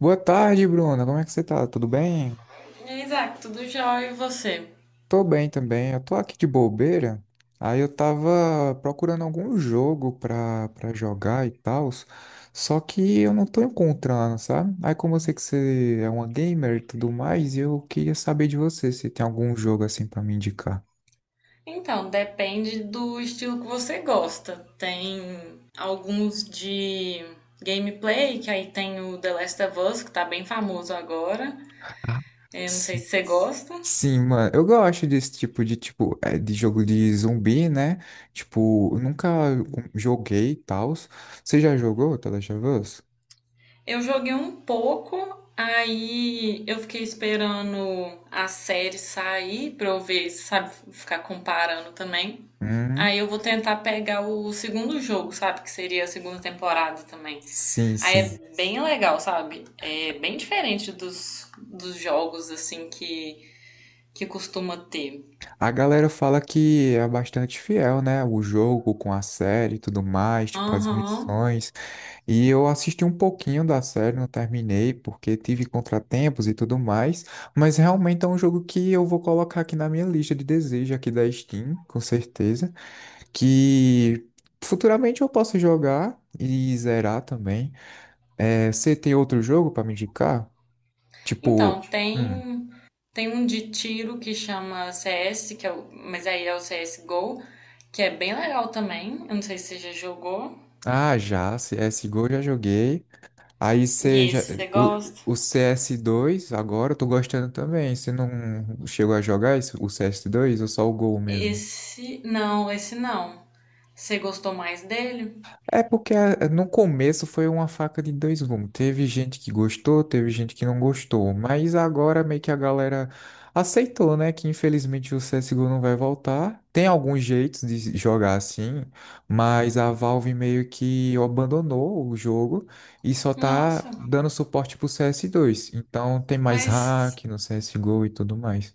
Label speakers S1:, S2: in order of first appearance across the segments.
S1: Boa tarde, Bruna. Como é que você tá? Tudo bem?
S2: Isaac, tudo jóia e você?
S1: Tô bem também. Eu tô aqui de bobeira. Aí eu tava procurando algum jogo pra jogar e tal, só que eu não tô encontrando, sabe? Aí como eu sei que você é uma gamer e tudo mais, eu queria saber de você se tem algum jogo assim pra me indicar.
S2: Então, depende do estilo que você gosta. Tem alguns de gameplay, que aí tem o The Last of Us, que tá bem famoso agora.
S1: Ah,
S2: Eu não sei
S1: sim.
S2: se você gosta.
S1: Sim, mano, eu gosto desse tipo de tipo é, de jogo de zumbi, né? Tipo, eu nunca hum, joguei e tal. Você já jogou The Last of Us?
S2: Eu joguei um pouco, aí eu fiquei esperando a série sair pra eu ver, sabe, ficar comparando também.
S1: Uhum.
S2: Aí eu vou tentar pegar o segundo jogo, sabe, que seria a segunda temporada também.
S1: Sim,
S2: Aí
S1: sim.
S2: é bem legal, sabe? É bem diferente dos jogos, assim, que costuma ter.
S1: A galera fala que é bastante fiel, né? O jogo com a série e tudo mais, tipo as
S2: Aham.
S1: missões. E eu assisti um pouquinho da série, não terminei, porque tive contratempos e tudo mais. Mas realmente é um jogo que eu vou colocar aqui na minha lista de desejo aqui da Steam, com certeza. Que futuramente eu posso jogar e zerar também. É, você tem outro jogo para me indicar?
S2: Então,
S1: Tipo. hum,
S2: tem um de tiro que chama CS, que é o, mas aí é o CSGO, que é bem legal também. Eu não sei se você já jogou.
S1: Ah, já, CSGO já joguei. Aí
S2: E
S1: seja já.
S2: esse você
S1: O,
S2: gosta?
S1: o CS2, agora eu tô gostando também. Você não chegou a jogar isso, o CS2 ou só o Gol mesmo?
S2: Esse, não, esse não. Você gostou mais dele?
S1: É porque no começo foi uma faca de dois gumes. Teve gente que gostou, teve gente que não gostou. Mas agora meio que a galera aceitou, né? Que infelizmente o CSGO não vai voltar. Tem alguns jeitos de jogar assim, mas a Valve meio que abandonou o jogo e só
S2: Nossa,
S1: tá dando suporte pro CS2. Então tem mais
S2: mas,
S1: hack no CSGO e tudo mais.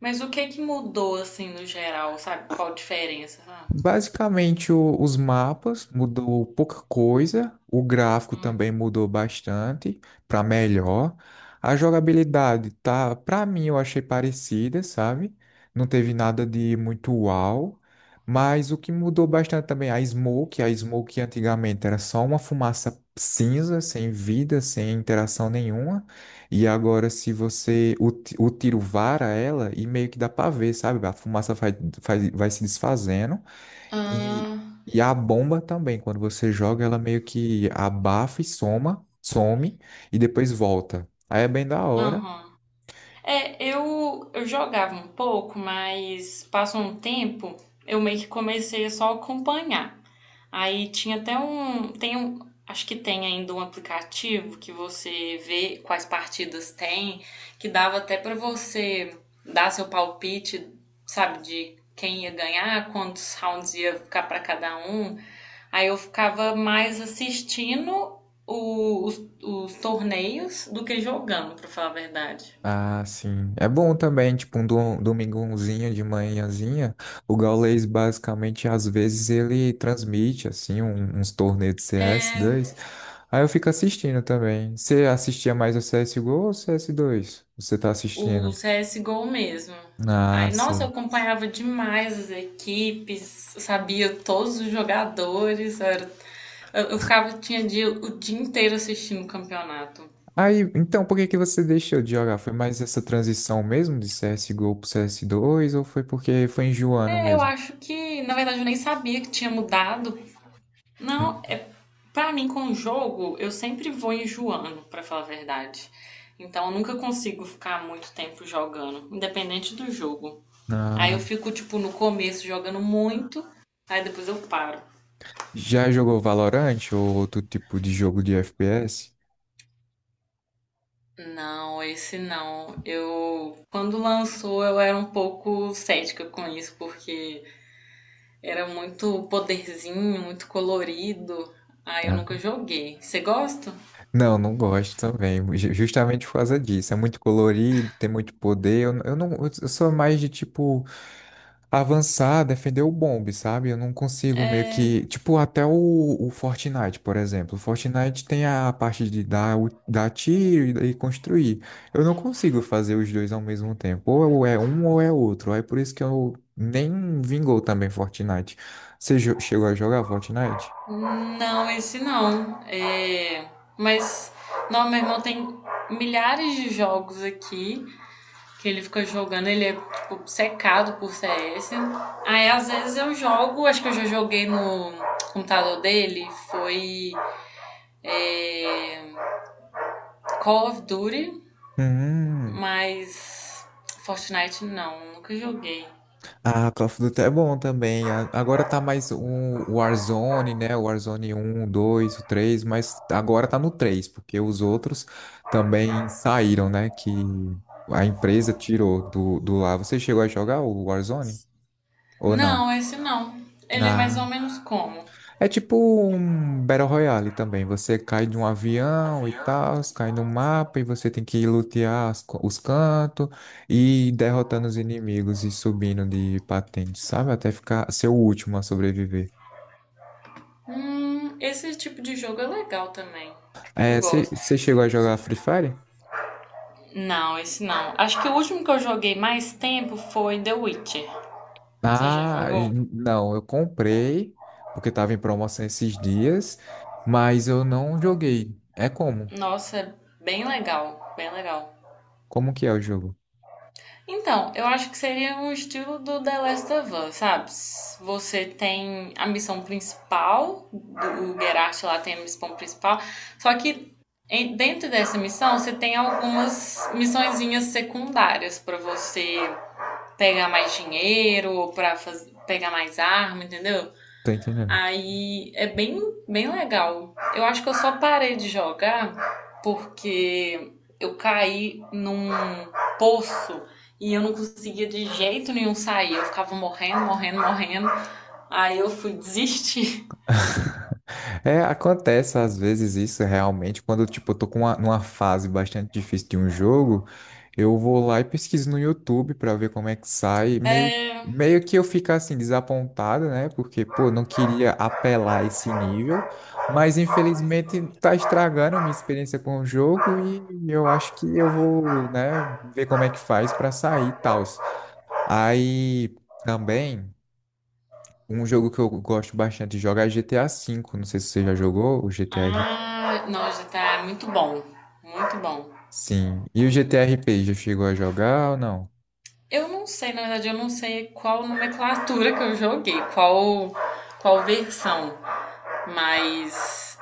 S2: mas o que que mudou, assim, no geral, sabe? Qual a diferença, sabe?
S1: Basicamente, os mapas mudou pouca coisa, o gráfico também mudou bastante para melhor. A jogabilidade tá, para mim, eu achei parecida, sabe? Não teve nada de muito uau, mas o que mudou bastante também é a smoke antigamente era só uma fumaça cinza, sem vida, sem interação nenhuma, e agora se você o tiro vara ela e meio que dá para ver, sabe? A fumaça vai, vai, vai se desfazendo. E,
S2: Ah,
S1: e a bomba também, quando você joga, ela meio que abafa e some e depois volta. Aí é bem da hora.
S2: aham. É, eu jogava um pouco, mas passou um tempo, eu meio que comecei a só acompanhar. Aí tinha até um, tem um, acho que tem ainda um aplicativo que você vê quais partidas tem, que dava até pra você dar seu palpite, sabe, de quem ia ganhar, quantos rounds ia ficar pra cada um. Aí eu ficava mais assistindo os torneios do que jogando, pra falar a verdade.
S1: Ah, sim. É bom também, tipo, um domingãozinho de manhãzinha. O Gaules, basicamente, às vezes ele transmite, assim, uns torneios de CS2. Aí eu fico assistindo também. Você assistia mais o CSGO ou o CS2? Você tá
S2: O
S1: assistindo?
S2: CSGO mesmo.
S1: Ah,
S2: Aí, nossa, eu
S1: sim.
S2: acompanhava demais as equipes, eu sabia todos os jogadores. Eu ficava, tinha dia, o dia inteiro assistindo o campeonato.
S1: Aí, então, por que que você deixou de jogar? Foi mais essa transição mesmo de CSGO pro CS2 ou foi porque foi enjoando
S2: É, eu
S1: mesmo?
S2: acho que, na verdade, eu nem sabia que tinha mudado. Não,
S1: Hum.
S2: é. Pra mim, com o jogo, eu sempre vou enjoando, pra falar a verdade. Então, eu nunca consigo ficar muito tempo jogando, independente do jogo. Aí
S1: Ah,
S2: eu fico, tipo, no começo jogando muito, aí depois eu paro.
S1: já jogou Valorant ou outro tipo de jogo de FPS?
S2: Não, esse não. Eu, quando lançou, eu era um pouco cética com isso, porque era muito poderzinho, muito colorido. Aí eu
S1: Ah.
S2: nunca joguei. Você gosta?
S1: Não, não gosto também, justamente por causa disso. É muito colorido, tem muito poder. Eu não, eu sou mais de tipo avançar, defender o bombe, sabe? Eu não consigo meio que. Tipo, até o Fortnite, por exemplo. O Fortnite tem a parte de dar tiro e construir. Eu não consigo fazer os dois ao mesmo tempo. Ou é um ou é outro. Aí por isso que eu nem vingou também Fortnite. Você chegou a jogar Fortnite?
S2: Não, esse não. É, mas, não, meu irmão tem milhares de jogos aqui que ele fica jogando. Ele é, tipo, secado por CS. Aí, às vezes, eu jogo. Acho que eu já joguei no computador dele. Foi é, Call of Duty,
S1: Hum.
S2: mas Fortnite não. Nunca joguei.
S1: Ah, Call of Duty é bom também. Agora tá mais um o Warzone, né? O Warzone 1, o 2, o 3, mas agora tá no 3, porque os outros também saíram, né? Que a empresa tirou do lá. Você chegou a jogar o Warzone? Ou não?
S2: Não, esse não. Ele é mais ou
S1: Ah,
S2: menos como?
S1: é tipo um Battle Royale também. Você cai de um avião e tal, cai no mapa e você tem que lutear os cantos e ir derrotando os inimigos e subindo de patente, sabe? Até ficar ser o último a sobreviver.
S2: Esse tipo de jogo é legal também. Eu
S1: É,
S2: gosto.
S1: você chegou a jogar Free Fire?
S2: Não, esse não. Acho que o último que eu joguei mais tempo foi The Witcher. Você já
S1: Ah,
S2: jogou?
S1: não, eu comprei porque tava em promoção esses dias, mas eu não joguei. É como?
S2: Nossa, é bem legal, bem legal.
S1: Como que é o jogo?
S2: Então, eu acho que seria um estilo do The Last of Us, sabe? Você tem a missão principal, o Geralt lá tem a missão principal, só que dentro dessa missão você tem algumas missõezinhas secundárias pra você pegar mais dinheiro ou pra pegar mais arma, entendeu?
S1: Tô entendendo.
S2: Aí é bem, bem legal. Eu acho que eu só parei de jogar porque eu caí num poço e eu não conseguia de jeito nenhum sair. Eu ficava morrendo, morrendo, morrendo. Aí eu fui desistir.
S1: É, acontece às vezes isso realmente, quando tipo, eu tô com numa fase bastante difícil de um jogo, eu vou lá e pesquiso no YouTube pra ver como é que sai, meio,
S2: É...
S1: meio que eu fico assim desapontado, né? Porque, pô, não queria apelar a esse nível, mas infelizmente tá estragando minha experiência com o jogo e eu acho que eu vou, né, ver como é que faz pra sair e tal. Aí também. Um jogo que eu gosto bastante de jogar é GTA V. Não sei se você já jogou o GTR.
S2: Ah, não, GTA é muito bom. Muito bom.
S1: Sim. E o GTRP, já chegou a jogar ou não?
S2: Eu não sei, na verdade, eu não sei qual nomenclatura que eu joguei, qual, qual versão, mas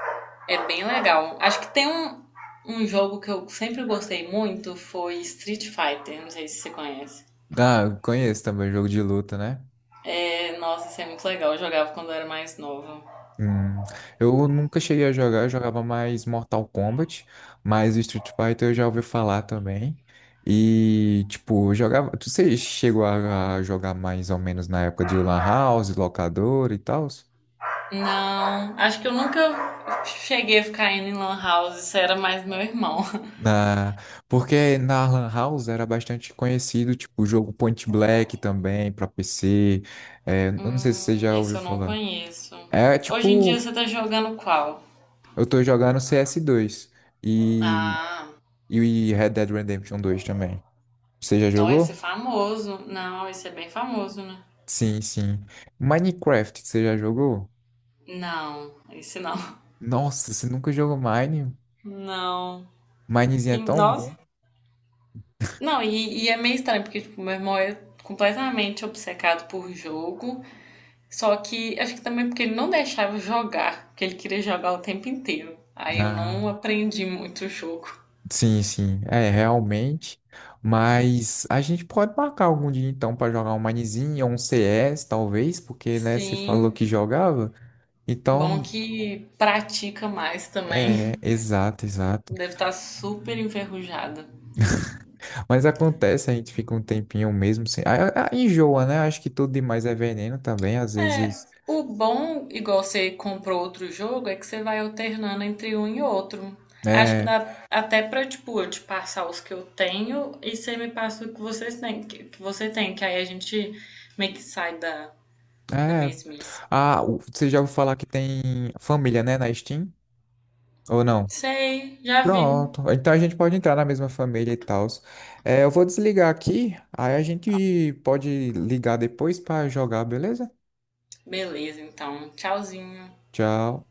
S2: é bem legal. Acho que tem um, um jogo que eu sempre gostei muito foi Street Fighter, não sei se você conhece.
S1: Ah, eu conheço também, jogo de luta, né?
S2: É, nossa, isso é muito legal, eu jogava quando eu era mais nova.
S1: Hum, eu nunca cheguei a jogar, eu jogava mais Mortal Kombat, mas o Street Fighter eu já ouvi falar também. E, tipo, eu jogava. Você chegou a jogar mais ou menos na época de Lan House, locador e tal?
S2: Não, acho que eu nunca cheguei a ficar indo em Lan House, isso era mais meu irmão.
S1: Na... Porque na Lan House era bastante conhecido, tipo, o jogo Point Blank também, pra PC. É, eu não sei se você já
S2: Esse
S1: ouviu
S2: eu não
S1: falar.
S2: conheço.
S1: É
S2: Hoje em dia
S1: tipo,
S2: você tá jogando qual?
S1: eu tô jogando CS2 e,
S2: Ah,
S1: e Red Dead Redemption 2 também. Você já
S2: não, esse é
S1: jogou?
S2: famoso. Não, esse é bem famoso, né?
S1: Sim, sim. Minecraft, você já jogou?
S2: Não, esse não.
S1: Nossa, você nunca jogou Mine?
S2: Não.
S1: Minezinho é
S2: Tem,
S1: tão
S2: nossa,
S1: bom.
S2: não, e é meio estranho, porque, tipo, meu irmão é completamente obcecado por jogo. Só que acho que também porque ele não deixava eu jogar, porque ele queria jogar o tempo inteiro. Aí eu
S1: Ah.
S2: não aprendi muito o jogo.
S1: Sim, sim, é realmente. Mas a gente pode marcar algum dia então para jogar um Minezinho ou um CS, talvez, porque né, você falou
S2: Sim,
S1: que jogava.
S2: bom
S1: Então,
S2: que pratica mais
S1: é,
S2: também.
S1: exato, exato.
S2: Deve estar super enferrujada.
S1: Mas acontece, a gente fica um tempinho mesmo sem. Enjoa, né? Acho que tudo demais é veneno também, às
S2: É,
S1: vezes.
S2: o bom, igual você comprou outro jogo, é que você vai alternando entre um e outro. Acho que
S1: É,
S2: dá até pra, tipo, eu te passar os que eu tenho e você me passa o que vocês têm, que você tem, que aí a gente meio que sai da, da
S1: é.
S2: mesmice.
S1: Ah, você já ouviu falar que tem família, né, na Steam? Ou não?
S2: Sei, já vi.
S1: Pronto. Então a gente pode entrar na mesma família e tal. É, eu vou desligar aqui, aí a gente pode ligar depois pra jogar, beleza?
S2: Beleza, então. Tchauzinho.
S1: Tchau.